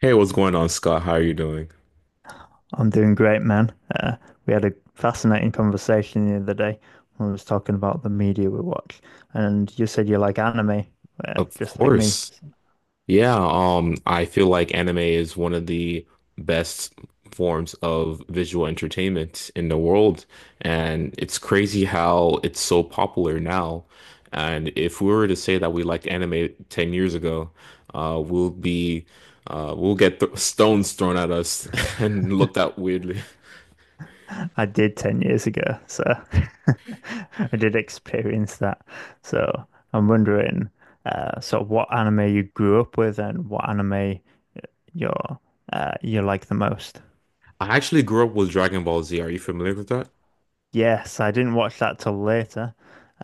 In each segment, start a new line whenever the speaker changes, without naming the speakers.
Hey, what's going on, Scott? How are you doing?
I'm doing great, man. We had a fascinating conversation the other day when we was talking about the media we watch, and you said you like anime,
Of
just like me.
course. Yeah, I feel like anime is one of the best forms of visual entertainment in the world, and it's crazy how it's so popular now. And if we were to say that we liked anime 10 years ago, uh, we'll be we'll get th stones thrown at us and looked at weirdly.
I did 10 years ago, so I did experience that. So I'm wondering, sort of what anime you grew up with and what anime you're, you like the most.
I actually grew up with Dragon Ball Z. Are you familiar with that?
Yes, I didn't watch that till later.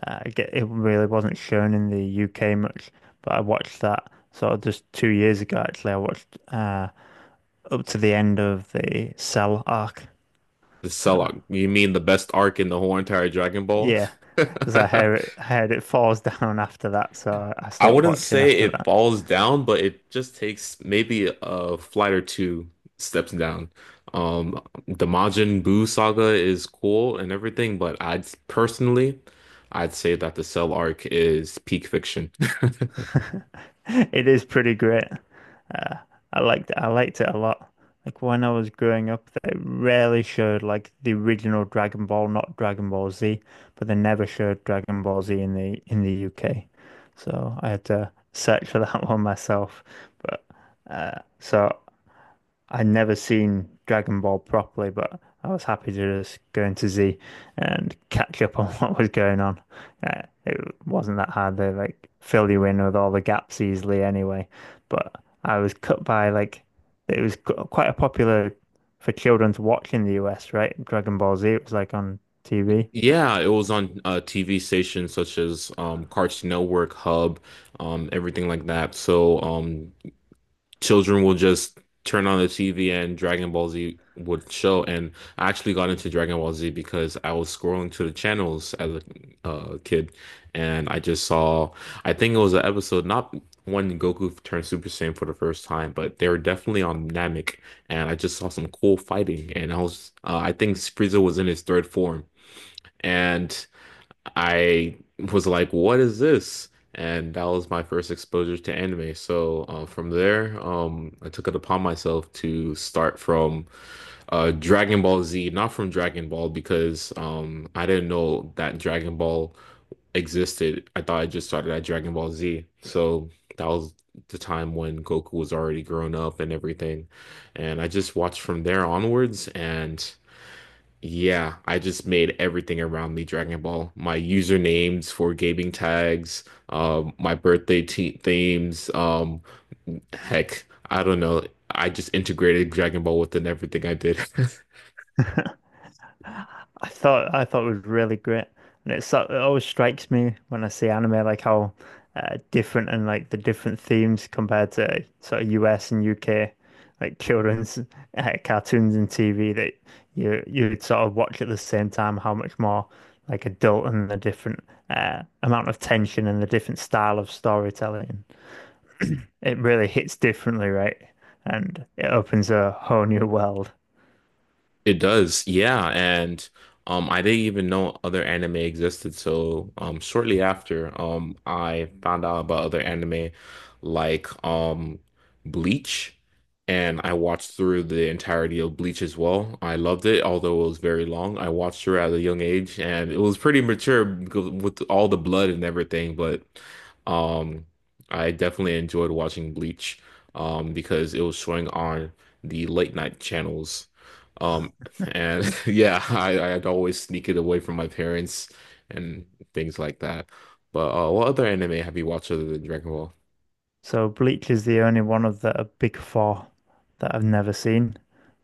It really wasn't shown in the UK much, but I watched that sort of just 2 years ago, actually. I watched up to the end of the Cell arc.
The
So,
Cellog. You mean the best arc in the whole entire Dragon Ball?
yeah, because I heard it, heard it falls down after that, so I
I
stopped
wouldn't
watching
say
after
it
that.
falls down, but it just takes maybe a flight or two steps down. Um, the Majin Buu saga is cool and everything, but I'd say that the Cell arc is peak fiction.
It is pretty great. Uh, I liked it a lot. Like when I was growing up, they rarely showed like the original Dragon Ball, not Dragon Ball Z, but they never showed Dragon Ball Z in the UK. So I had to search for that one myself. But so. I'd never seen Dragon Ball properly, but I was happy to just go into Z and catch up on what was going on. It wasn't that hard. They like fill you in with all the gaps easily anyway. But I was cut by like it was quite a popular for children to watch in the US, right? Dragon Ball Z, it was like on TV.
Yeah, it was on TV stations such as Cartoon Network, Hub, everything like that. So children will just turn on the TV and Dragon Ball Z would show. And I actually got into Dragon Ball Z because I was scrolling to the channels as a kid, and I just saw, I think it was an episode, not when Goku turned Super Saiyan for the first time, but they were definitely on Namek, and I just saw some cool fighting. And I was, I think Frieza was in his third form. And I was like, what is this? And that was my first exposure to anime. So from there, I took it upon myself to start from Dragon Ball Z, not from Dragon Ball, because I didn't know that Dragon Ball existed. I thought I just started at Dragon Ball Z. So that was the time when Goku was already grown up and everything. And I just watched from there onwards. And. Yeah, I just made everything around me Dragon Ball. My usernames for gaming tags, my birthday te themes, heck, I don't know. I just integrated Dragon Ball within everything I did.
I thought it was really great, and it always strikes me when I see anime like how different and like the different themes compared to sort of US and UK like children's cartoons and TV that you'd sort of watch at the same time how much more like adult and the different amount of tension and the different style of storytelling. It really hits differently, right? And it opens a whole new world.
It does, yeah, and I didn't even know other anime existed. So shortly after, I found out about other anime like Bleach, and I watched through the entirety of Bleach as well. I loved it, although it was very long. I watched her at a young age, and it was pretty mature because with all the blood and everything. But um, I definitely enjoyed watching Bleach because it was showing on the late night channels. Um, and yeah, I'd always sneak it away from my parents and things like that. But what other anime have you watched other than Dragon Ball?
So Bleach is the only one of the big four that I've never seen.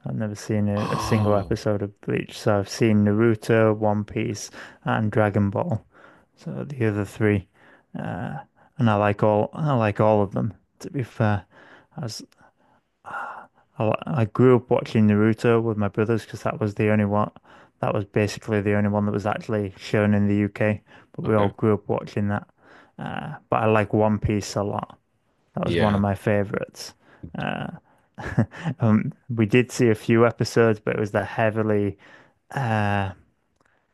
I've never seen a single
Oh,
episode of Bleach. So I've seen Naruto, One Piece, and Dragon Ball. So the other three, and I like all of them. To be fair, as I grew up watching Naruto with my brothers because that was the only one that was basically the only one that was actually shown in the UK. But we all
okay.
grew up watching that. But I like One Piece a lot. That was one of
Yeah.
my favorites. Uh, we did see a few episodes, but it was uh,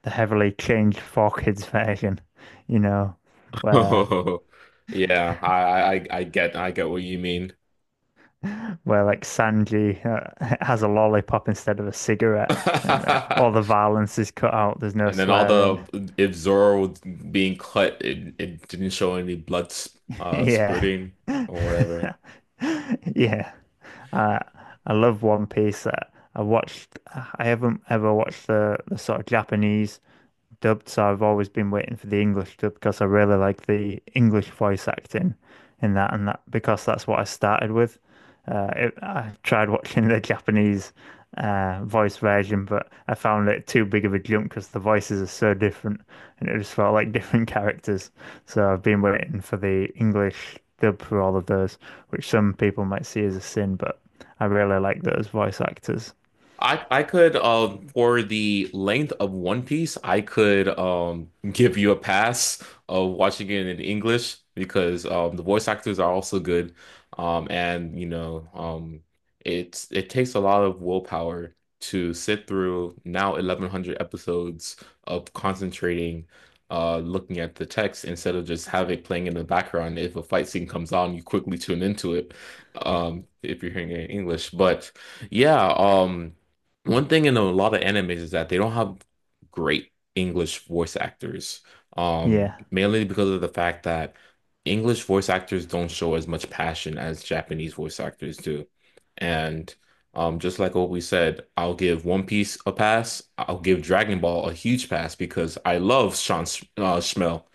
the heavily changed for kids version, you know, where
Oh. Yeah, I get what you mean.
where like Sanji has a lollipop instead of a cigarette, and all the violence is cut out. There's no
And then all
swearing.
the if Zoro was being cut, it didn't show any blood,
Yeah,
spurting or whatever.
yeah. Uh, I love One Piece. I watched. I haven't ever watched the sort of Japanese dubbed, so I've always been waiting for the English dub because I really like the English voice acting in that, and that because that's what I started with. I tried watching the Japanese voice version, but I found it too big of a jump because the voices are so different, and it just felt like different characters. So I've been waiting for the English dub for all of those, which some people might see as a sin, but I really like those voice actors.
I could for the length of One Piece, I could give you a pass of watching it in English because the voice actors are also good. And it takes a lot of willpower to sit through now 1100 episodes of concentrating looking at the text instead of just have it playing in the background. If a fight scene comes on, you quickly tune into it if you're hearing it in English. But yeah, um one thing in a lot of animes is that they don't have great English voice actors,
Yeah.
mainly because of the fact that English voice actors don't show as much passion as Japanese voice actors do. And just like what we said, I'll give One Piece a pass. I'll give Dragon Ball a huge pass because I love Sean Sh Schmell.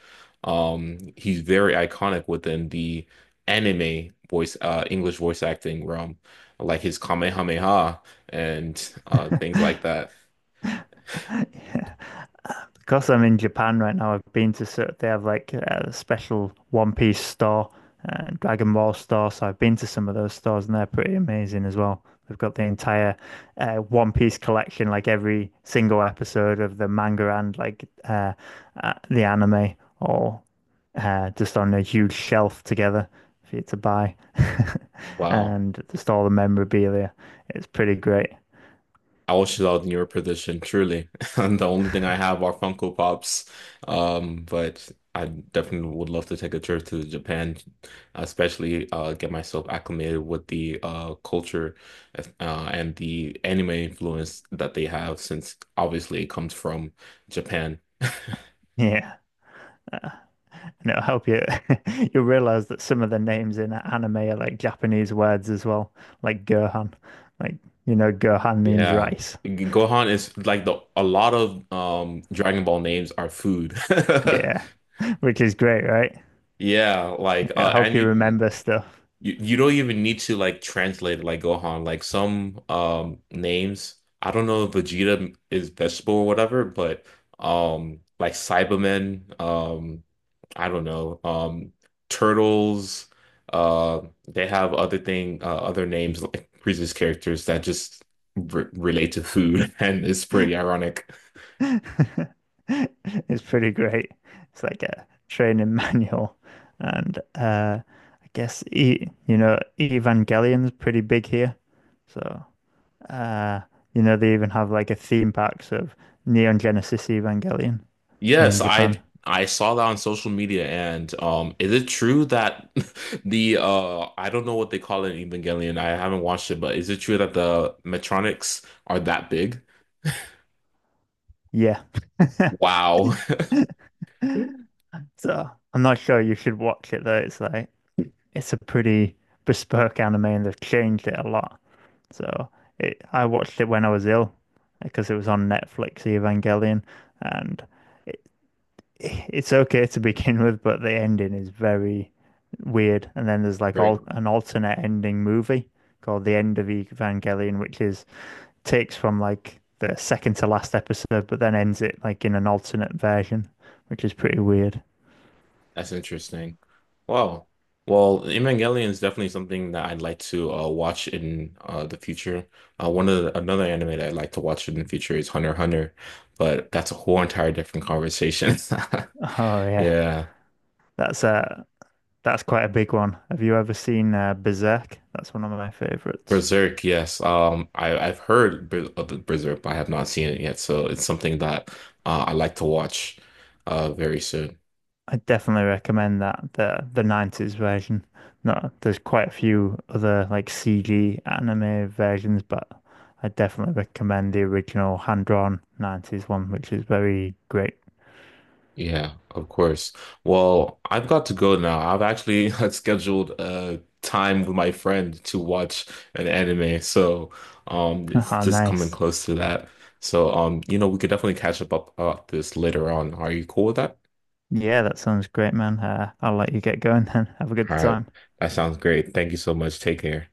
He's very iconic within the English voice acting realm, like his Kamehameha and things like that.
Yeah. Because I'm in Japan right now, I've been to sort they have like a special One Piece store and Dragon Ball store, so I've been to some of those stores and they're pretty amazing as well. They've got the entire One Piece collection, like every single episode of the manga and like the anime, all just on a huge shelf together for you to buy,
Wow.
and just all the memorabilia. It's pretty great.
I wish I was in your position, truly. And the only thing I have are Funko Pops. But I definitely would love to take a trip to Japan, especially get myself acclimated with the culture and the anime influence that they have, since obviously it comes from Japan.
Yeah. Uh, And it'll help you. You'll realize that some of the names in anime are like Japanese words as well, like Gohan. Like, you know, Gohan means
Yeah.
rice.
Gohan is like the a lot of Dragon Ball names are food.
Yeah, which is great, right?
Yeah, like
It'll help
and
you
you
remember stuff.
you don't even need to like translate it like Gohan. Like some names, I don't know if Vegeta is vegetable or whatever, but like Cybermen, I don't know, turtles, uh they have other names like previous characters that just re relate to food and it's pretty ironic.
It's pretty great. It's like a training manual. And I guess, e you know, Evangelion's pretty big here. So, uh, you know, they even have like a theme park of Neon Genesis Evangelion in
Yes,
Japan.
I saw that on social media, and is it true that the I don't know what they call it in Evangelion. I haven't watched it, but is it true that the Metronics are that big?
Yeah.
Wow.
So I'm not sure you should watch it though. It's like it's a pretty bespoke anime and they've changed it a lot. So I watched it when I was ill because it was on Netflix, Evangelion, and it, it's okay to begin with, but the ending is very weird. And then there's like
Very
all
cool.
an alternate ending movie called The End of Evangelion, which is takes from like the second to last episode, but then ends it like in an alternate version, which is pretty weird.
That's interesting. Wow. Well, Evangelion is definitely something that I'd like to watch in the future. One of the, another anime that I'd like to watch in the future is Hunter x Hunter, but that's a whole entire different conversation.
Oh yeah,
Yeah.
that's that's quite a big one. Have you ever seen Berserk? That's one of my favorites.
Berserk, yes. I've heard Ber- of the Berserk, but I have not seen it yet. So it's something that I like to watch very soon.
I definitely recommend that the 90s version. No, there's quite a few other like CG anime versions, but I definitely recommend the original hand-drawn 90s one, which is very great.
Yeah, of course. Well, I've got to go now. I've actually scheduled time with my friend to watch an anime. So it's
Ah,
just coming
nice.
close to that. So we could definitely catch up about this later on. Are you cool with that?
Yeah, that sounds great, man. I'll let you get going then. Have a good
All right.
time.
That sounds great. Thank you so much. Take care.